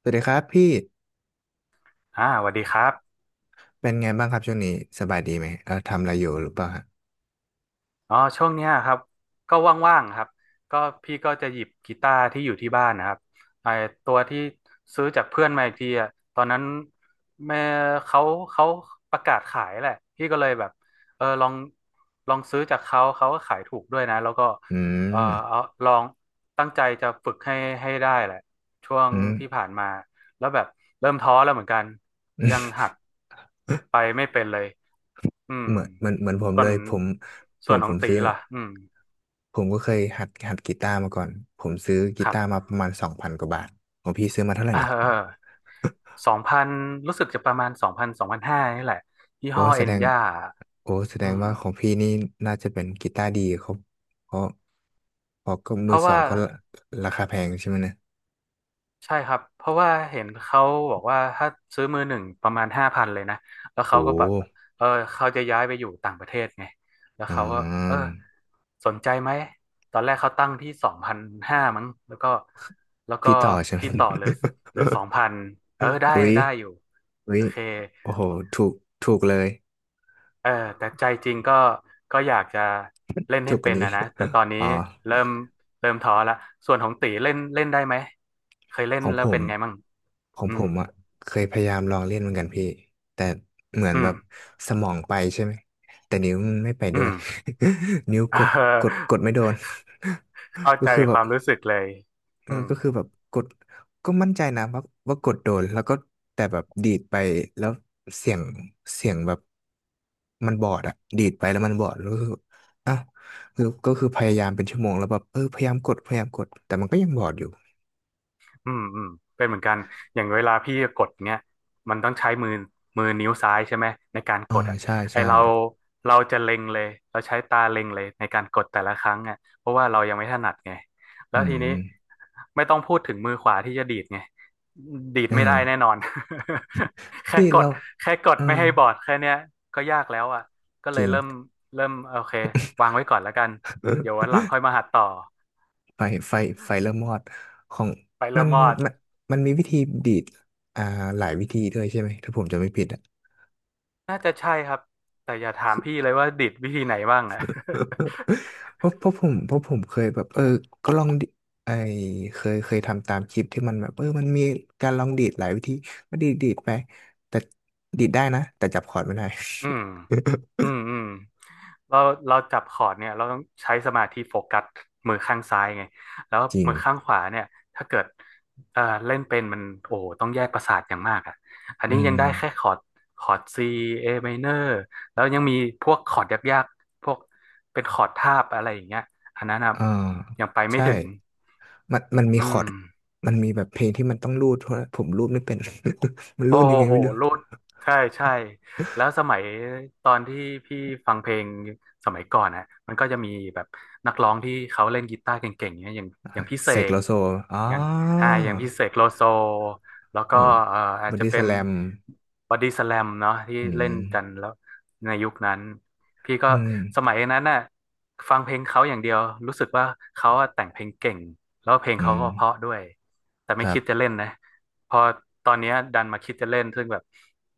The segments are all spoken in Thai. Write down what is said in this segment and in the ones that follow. สวัสดีครับพี่สวัสดีครับเป็นไงบ้างครับช่วงนี้สบายดีไหมทำอะไรอยู่หรือเปล่าฮะอ๋อช่วงเนี้ยครับ ก็ว่างๆครับก็พี่ก็จะหยิบกีตาร์ที่อยู่ที่บ้านนะครับไอตัวที่ซื้อจากเพื่อนมาอีกทีอ่ะตอนนั้นแม่เขาเขาประกาศขายแหละพี่ก็เลยแบบเออลองลองซื้อจากเขาก็ขายถูกด้วยนะแล้วก็อืเออมเอาลองตั้งใจจะฝึกให้ได้แหละช่วงอืม ที่ผ่านมาแล้วแบบเริ่มท้อแล้วเหมือนกันยังหัดไปไม่เป็นเลย อื มเหมือนผมส่เลวนยผมผส่วมนขผองมตีซื้อล่ะอืมผมก็เคยหัดกีตาร์มาก่อนผมซื้อกีครับตาร์มาประมาณสองพันกว่าบาทของพี่ซื้อมาเท่าไหเร่นะออสองพันรู้สึกจะประมาณสองพันสองพันห้านี่แหละยี่โอ้ห้อแสเอ็ดนงย่าอืมว่าของพี่นี่น่าจะเป็นกีตาร์ดีเขาเพราะเพราะก็เพมือราะสอว่า งก็ราคาแพงใช่ไหมเนี่ยใช่ครับเพราะว่าเห็นเขาบอกว่าถ้าซื้อมือหนึ่งประมาณ5,000เลยนะแล้วโอ้เขาก็แบบเออเขาจะย้ายไปอยู่ต่างประเทศไงแล้วอ่เขาก็เออาสนใจไหมตอนแรกเขาตั้งที่สองพันห้ามั้งแล้วก็แล้วก็พี่ต่อใช่ไหม พี่ต่อเหลือสองพันได้ อุ้ย ได้อยู่เฮ้โอยเคโอ้โหถูกถูกเลยเออแต่ใจจริงก็อยากจะเล่นถูให้กกเป็ว่านนี้ อะนะแต่ตอน นี้อ๋อเริ่มเริ่มท้อละส่วนของตีเล่นเล่นได้ไหมเคยเล่ขนองแล้ผวเป็มนไงมั่งของอืผมมอ่ะเคยพยายามลองเล่นเหมือนกันพี่แต่เหมือนอืแบม บสมองไปใช่ไหมแต่นิ้วมันไม่ไปอืด้วย ม นิ้วกดก ดไม่โดน เข้า ก็ใจคือแบคบ วามรู้สึกเลยอืม ก็คือแบบกดก็มั่นใจนะว่ากดโดนแล้วก็แต่แบบดีดไปแล้วเสียงเสียงแบบมันบอดอะดีดไปแล้วมันบอดแล้วก็คืออ้าวคือก็คือพยายามเป็นชั่วโมงแล้วแบบพยายามกดแต่มันก็ยังบอดอยู่อืมอืมเป็นเหมือนกันอย่างเวลาพี่กดเนี้ยมันต้องใช้มือนิ้วซ้ายใช่ไหมในการกอ่าดอ่ะใช่ไอใช่เราเราจะเล็งเลยเราใช้ตาเล็งเลยในการกดแต่ละครั้งอ่ะเพราะว่าเรายังไม่ถนัดไงแล้วอืทีมนี้ไม่ต้องพูดถึงมือขวาที่จะดีดไงดีดเอไม่อได้แน่นอน แค่พี่กเราดแค่กดเออไม่ให้บอดแค่เนี้ยก็ยากแล้วอ่ะก็จเลยริง เริ่มโอเควางไว้ก่อนแล้วกันเดี๋ยววันหลังค่อยมา หัดต่อไฟไฟไฟเริ่มมอดของไปมัเริ่มนมอด มันมันมีวิธีดีดอ่าหลายวิธีด้วยใช่ไหมถ้าผมจะไม่ผิดอะ น่าจะใช่ครับแต่อย่าถามพี่เลยว่าดิดวิธีไหนบ้างอ่ะ เพราะผมเคยแบบก็ลองดิไอเคยทำตามคลิปที่มันแบบมันมีการลองดีดหลายวิธีก็ดีดไปแต่ดีดได้นะแต่จับคอร์ดไม่ได้ อืมอืมอืมเราเราจับคอร์ดเนี่ยเราต้องใช้สมาธิโฟกัสมือข้างซ้ายไงแล้ว จริงมือข้างขวาเนี่ยถ้าเกิดเล่นเป็นมันโอ้โหต้องแยกประสาทอย่างมากอ่ะอันอืนี้ยังมได้แค่คอร์ดคอร์ด C A minor แล้วยังมีพวกคอร์ดยากๆพวกเป็นคอร์ดทาบอะไรอย่างเงี้ยอันนั้นนะอ่ายังไปไม่ใช่ถึงมันมันมีอืคอม ร์ดมันมีแบบเพลงที่มันต้องรูดเพราะผมรูดไม่เป็น มันโอ้รูดยังไงโหไม่รู้รูดใช่ใช่แล้วสมัยตอนที่พี่ฟังเพลงสมัยก่อนฮะมันก็จะมีแบบนักร้องที่เขาเล่นกีตาร์เก่งๆเนี่ยอย่างอ่าอย่างพี่เสเสกโลกโซอ๋ออย่างอ่าอย่างพี่เสกโลโซแล้วเอก็อเอ่ออาบจอจะดี้สเป็นแลมบอดี้สแลมเนาะที่อืเล่นมกันแล้วในยุคนั้นพี่ก็อืมสมัยนั้นน่ะฟังเพลงเขาอย่างเดียวรู้สึกว่าเขาอะแต่งเพลงเก่งแล้วเพลงอืเขามก็เพราะด้วยแต่คไม่รัคิดจะบ เล่นนะ พอตอนเนี้ยดันมาคิดจะเล่นซึ่งแบบ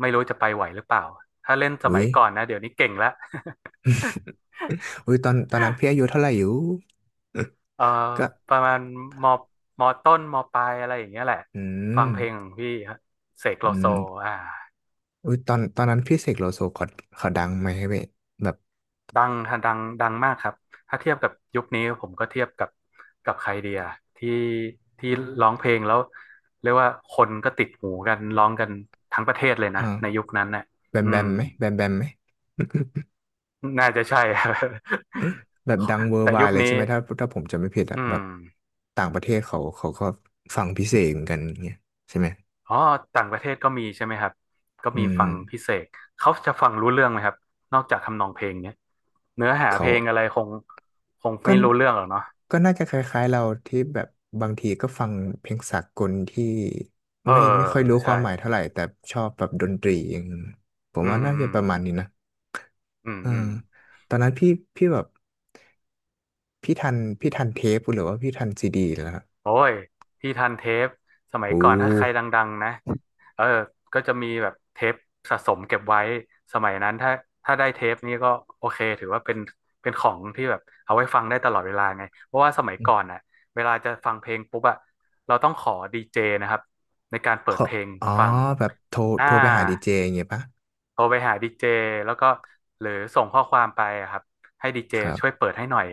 ไม่รู้จะไปไหวหรือเปล่า ถ้าเล่นสอุ้มัยยก่อนนะเดี๋ยวนี้เก่งแล้ว ตอนนั้นพี่อายุเท่าไหร่อยู่ เอ่อ ก็ ประมาณมมต้นมปลายอะไรอย่างเงี้ยแหละ อืฟังมเพลงของพี่ฮะเสกอืโลโซมอ่าอุ้ยตอนนั้นพี่เสกโลโซเขาดังไหมเว้ยแบบดังดังมากครับ ถ้าเทียบกับยุคนี้ผมก็เทียบกับใครเดียที่ที่ร้องเพลงแล้วเรียกว่าคนก็ติดหูกันร้องกันทั้งประเทศเลยนะในยุอ่าคนั้นน่ะแบมอืแบม มไหมน่าจะใช่ แบบดังเวอร์แต่ไวยุด์คเลยใช่นี้ไหมถ้าผมจำไม่ผิดอะอืแบบมต่างประเทศเขาก็ฟังพิเศษเหมือนกันอย่างเงี้ยใช่ไหมอ๋อต่างประเทศก็มีใช่ไหมครับก็อืมีมฟังพิเศษเขาจะฟังรู้เรื่องไหมครับนอกจากทำนองเพลงเนี้ยเนื้อหาเพเขา ลงอะไรคงก็ไม่รู้เรื่องหรอกเนาะก็น่าจะคล้ายๆเราที่แบบบางทีก็ฟังเพลงสากลที่เออไม่ค่อยรู้คใช่วามหมายเท่าไหร่แต่ชอบแบบดนตรีอย่างผมอืว่ามน่าอืจะมประมาณนี้นะอืมเอออืม ตอนนั้นพี่แบบพี่ทันเทปหรือว่าพี่ทันซีดีแล้วครับโอ้ยพี่ทันเทปสมัโอยก่อนถ้าใครด้ังๆนะเออก็จะมีแบบเทปสะสมเก็บไว้สมัยนั้นถ้าได้เทปนี้ก็โอเคถือว่าเป็นของที่แบบเอาไว้ฟังได้ตลอดเวลาไงเพราะว่าสมัยก่อนอ่ะเวลาจะฟังเพลงปุ๊บอะเราต้องขอดีเจนะครับในการเปิดเขาเพลงอ๋อฟังแบบโทรอ่า ไปหาดีเจอย่างเงี้ยปะ โทรไปหาดีเจแล้วก็หรือส่งข้อความไปอะครับให้ดีเจครัช่วยบ เปิดให้หน่อย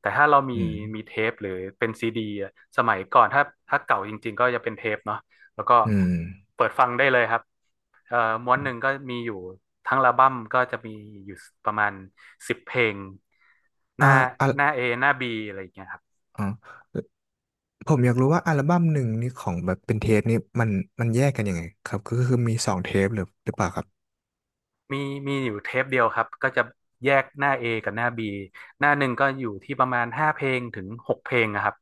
แต่ถ้าเรามีอืมมีเทปหรือเป็นซีดีอะสมัยก่อนถ้าเก่าจริงๆก็จะเป็นเทปเนาะแล้วก็อืมเปิดฟังได้เลยครับเอ่อม้วนหนึ่งก็มีอยู่ทั้งอัลบั้มก็จะมีอยู่ประมาณ10 เพลงหอ่าน้าอ่ะหน้า A หน้า B อะไรอย่างเงี้ยครับ อ๋อ ผมอยากรู้ว่าอัลบั้มหนึ่งนี่ของแบบเป็นเทปนี่มันแยกกันยังไงครับก็คือมีสองเทปหรือเปล่าครับมีมีอยู่เทปเดียวครับก็จะแยกหน้า A กับหน้า B หน้าหนึ่งก็อยู่ที่ประมาณ5 เพลงถึง6 เพลงนะครับ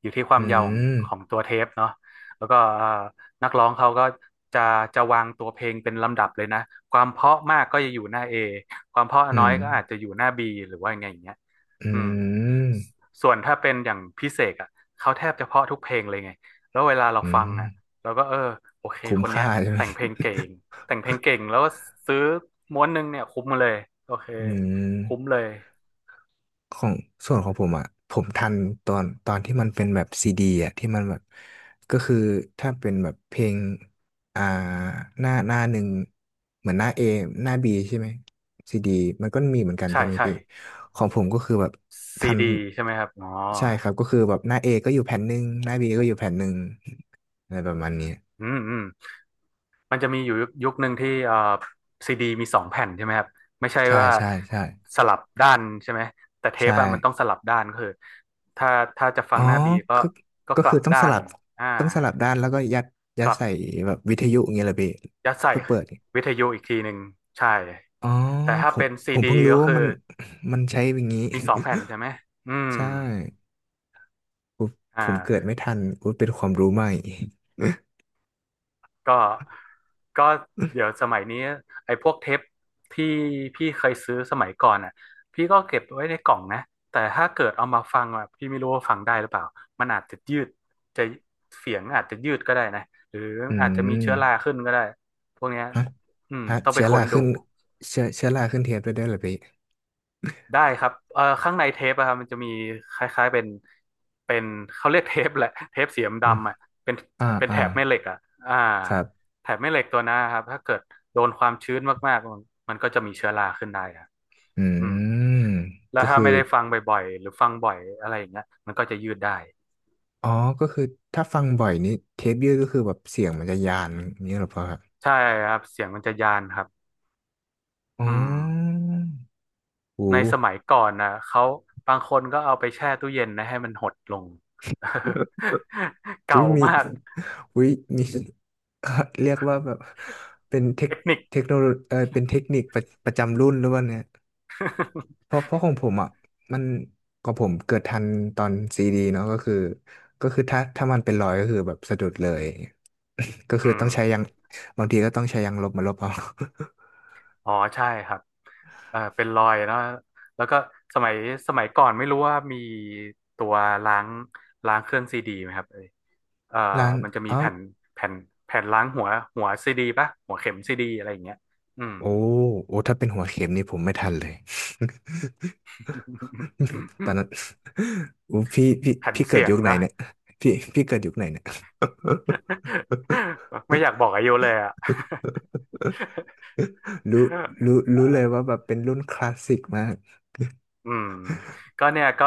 อยู่ที่ควาอืมยาวมของตัวเทปเนาะแล้วก็นักร้องเขาก็จะวางตัวเพลงเป็นลำดับเลยนะความเพราะมากก็จะอยู่หน้า A ความเพราะอืน้อยมก็อาจจะอยู่หน้า B หรือว่าไงอย่างเงี้ยอือืมมส่วนถ้าเป็นอย่างพิเศษอ่ะเขาแทบจะเพราะทุกเพลงเลยไงแล้วเวลาเราอืฟัมงอ่ะเราก็เออโอเคคุ้มคนเนี้ค่ายใช่ไหมแต่งเพลงเก่ง แต่งเพลงเก่งแล้วก็ซื้อม้วนหนึงเนี่ยคุ้มมาเลยโอเคอืม คุ้มเลยของส่วนของผมอ่ะผมทันตอนที่มันเป็นแบบซีดีอ่ะที่มันแบบก็คือถ้าเป็นแบบเพลงอ่าหน้าหนึ่งเหมือนหน้าเอหน้าบีใช่ไหมซีดีมันก็มีเหมือนกันใช่ใช่ไหมใช่พี่ของผมก็คือแบบซีทันดีใช่ไหมครับอ๋อใช่ครับก็คือแบบหน้าเอก็อยู่แผ่นหนึ่งหน้าบีก็อยู่แผ่นหนึ่งอะไรประมาณนี้อืมอืมมันจะมีอยู่ยุคหนึ่งที่ซีดีมีสองแผ่นใช่ไหมครับไม่ใช่ใช่ว่าใช่ใช่สลับด้านใช่ไหมแต่เทใช่ ปอะมันต้องสลับด้านก็คือถ้าถ้าจะฟัอ๋งอหน้าบีก็ก็ก็ก็กคืลัอบต้องด้าสนลับอ่าด้านแล้วก็ยัดกลับใส่แบบวิทยุอย่างเงี้ยเหรอพี่ยัดใส่เพื่อเปิดอวิทยุอีกทีหนึ่งใช่๋อแต่ถ้าผมเป็นผซีมดีเพิ่งรู้ก็ว่าคือมันใช้อย่างนี้ มีสองแผ่นใช่ไหมอื มใช่ผมอ่ผมเกิดา ไม่ทันอุ๊ยเป็นความรู้ใหม่ก็ก็เดี๋ยวสมัยนี้ไอ้พวกเทปที่พี่เคยซื้อสมัยก่อนอ่ะพี่ก็เก็บไว้ในกล่องนะแต่ถ้าเกิดเอามาฟังอ่ะพี่ไม่รู้ว่าฟังได้หรือเปล่ามันอาจจะยืดจะเสียงอาจจะยืดก็ได้นะหรืออือาจจะมีมเชื้อราขึ้นก็ได้พวกเนี้ยฮะอืมฮะต้องไปเชื้อค้รานดู ขึ้นเชื้อราขึ้นเทปได้ด้วยเหรอพี่ได้ครับข้างในเทปอะครับมันจะมีคล้ายๆเป็นเป็นเขาเรียกเทปแหละ เทปสีอืมดำๆอะเป็นอ่าแถอ่าบแม่เหล็กอะอ่าครับแถบแม่เหล็กตัวนั้นนะครับถ้าเกิดโดนความชื้นมากๆมันก็จะมีเชื้อราขึ้นได้ครับอือืมมแล้วก็ถ้าคือไม่ได้ฟังบ่อยๆหรือฟังบ่อยอะไรอย่างเงี้ยมันก็จะยืดได้อ๋อก็คือถ้าฟังบ่อยนี่เทปยืดก็คือแบบเสียงมันจะยานอย่างนี้เหรอพ่อ ใช่ครับเสียงมันจะยานครับอ๋อืมอโหในสมัยก่อนนะเขาบางคนก็เอาไปแช่ตู้เย็นนะให้มันหดลง อุ้ยเก่ามีมากอุ้ยมี เรียกว่าแบบเป็นเทคเทคนิค เทคโนโลเป็นเทคนิคประจำรุ่นหรือเปล่าเนี่ยเพ ราะเพราะของผมอ่ะมันของผมเกิดทันตอนซีดีเนาะก็คือก็คือถ้าถ้ามันเป็นรอยก็คือแบบสะดุดเลย ก็อืคือมต้องใช้ยางบางทีก็ต้องใช้ยางลบมาลบเอา อ๋อใช่ครับเป็นรอยเนอะแล้วก็สมัยสมัยก่อนไม่รู้ว่ามีตัวล้างล้างเครื่องซีดีไหมครับเอยเอ่อ ร้านมันจะมีอ๋อแผ่นแผ่นแผ่นล้างหัวหัวซีดีป่ะหัวเข็มซีดีอะไรอย่างเงี้ยอืม โอ้โอ้ถ้าเป็นหัวเข็มนี่ผมไม่ทันเลย ตอน นั้น อู้พี่พี่แผ่นพี่เกิดเสียงยุคไหนเนาะ เนี่ยพี่พี่เกิดยุคไหนเนี่ย ไม่อยากบอกอายุเลยอ่ะ รู้รู้รู้เลย เอ ว่าแบบเป็นรุ่นคลาสสิกมากอืมก็เนี่ยก็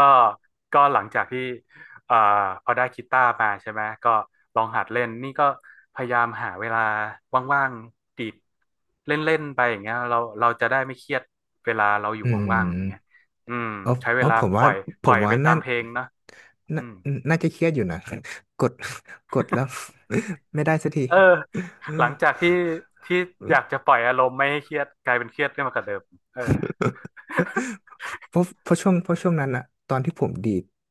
ก็หลังจากที่เอ่อพอได้กีตาร์มาใช่ไหมก็ลองหัดเล่นนี่ก็พยายามหาเวลาว่างๆดีดเล่นๆไปอย่างเงี้ยเราจะได้ไม่เครียดเวลาเราอยู่อืว่างๆอย่างเงี้ยมอืมอ๋อใช้เวอ๋อลาผมปว่าล่อยผปล่อมยว่าไปตานั่นมเพลงเนาะอืน่ามน่าจะเครียดอยู่นะกดกดแล้ว ไม่ได้สักที เออหลังจากที่อยากจะปล่อยอารมณ์ไม่ให้เครียดกลายเป็นเครียดขึ้นมากับเดิมเออ เพราะเพราะช่วงเพราะช่วงนั้นอะตอนที่ผมดี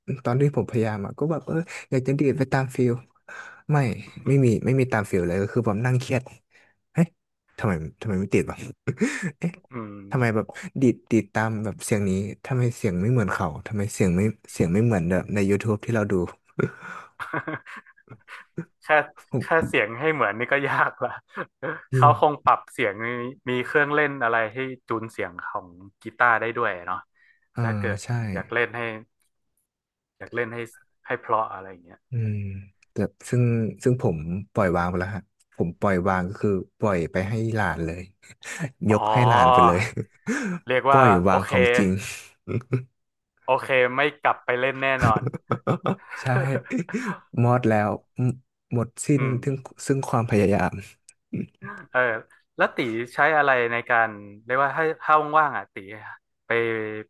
ดตอนที่ผมพยายามอะก็แบบอยากจะดีดไปตามฟิลไม่ไม่มีตามฟิลเลยก็คือแบบนั่งเครียดเอ๊ะทำไมไม่ติดวะ เอ๊ะอืทำไมแบม บดีดตามแบบเสียงนี้ทำไมเสียงไม่เหมือนเขาทำไมเสียงไม่เหมือนแบบใน YouTube ที่เราดู แค่แค่ ผมเสียงให้เหมือนนี่ก็ยากละ ยิ่งเขาคงปรับเสียงมีมีเครื่องเล่นอะไรให้จูนเสียงของกีตาร์ได้ด้วยเนาะอ่าถ้าเกิดใช่ อยากเล่นให้อยากเล่นให้ให้เพราะอะไรอย่างเงี้ยอืมแต่ซึ่งผมปล่อยวางไปแล้วฮะผมปล่อยวางก็คือปล่อยไปให้หลานเลย ยอ๋อกให้หลานไปเลย เรียก ปว่าล่อยโอวางเคของจริง โอเคไม่กลับไปเล่นแน่นอน ใช่มอดแล้วหมดสิ้ อืนมถึงซึ่งความพยายาม เออแล้วตีใช้อะไรในการเรียกว่าถ้าว่างๆอ่ะตีไป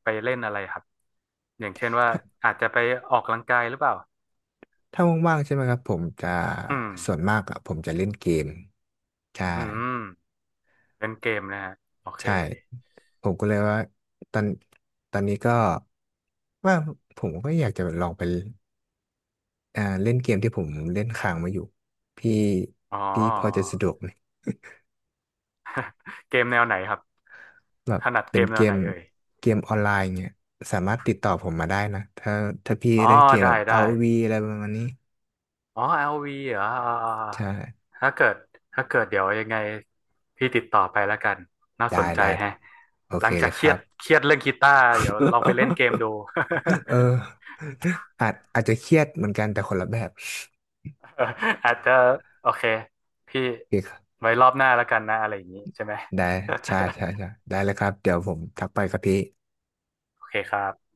ไปเล่นอะไรครับอย่างเช่น ว่าถ้าอาจจะไปออกกำลังกายหรือเปล่า ถ้าว่างๆใช่ไหมครับผมจะอืมส่วนมากอะผมจะเล่นเกมใช่อืมเล่นเกมนะฮะโอเคใช่ผมก็เลยว่าตอนนี้ก็ว่าผมก็อยากจะลองไป อ่าเล่นเกมที่ผมเล่นค้างมาอยู่พี่อ๋อพอจะสะดวกไหมเกมแนวไหนครับแบบถนัดเกเป็นมแนเกวไหนมเอ่ยออนไลน์เงี้ยสามารถติดต่อผมมาได้นะถ้าพี่อ๋อเล่นเกมได้แบบ ได้ ROV อวีอะไรประมาณนี้อ๋อ LV เหรออ่าใช่ๆถ้าเกิดถ้าเกิดเดี๋ยวยังไงพี่ติดต่อไปแล้วกันน่าสได้นใจแฮะได้โอหเคลังจาเลกยเคครียรัดบ เครียดเรื่องกีตาร์เดี๋ยวลองไปเล่นเกมดู เอออาจจะเครียดเหมือนกันแต่คนละแบบ อาจจะโอเคพี่โอเคครับไว้รอบหน้าแล้วกันนะอะไรอย่างนี้ใช่ไหม ได้ใช่ใช่ใช่ได้เลยครับเดี๋ยวผมทักไปครับพี่ โอเคครับ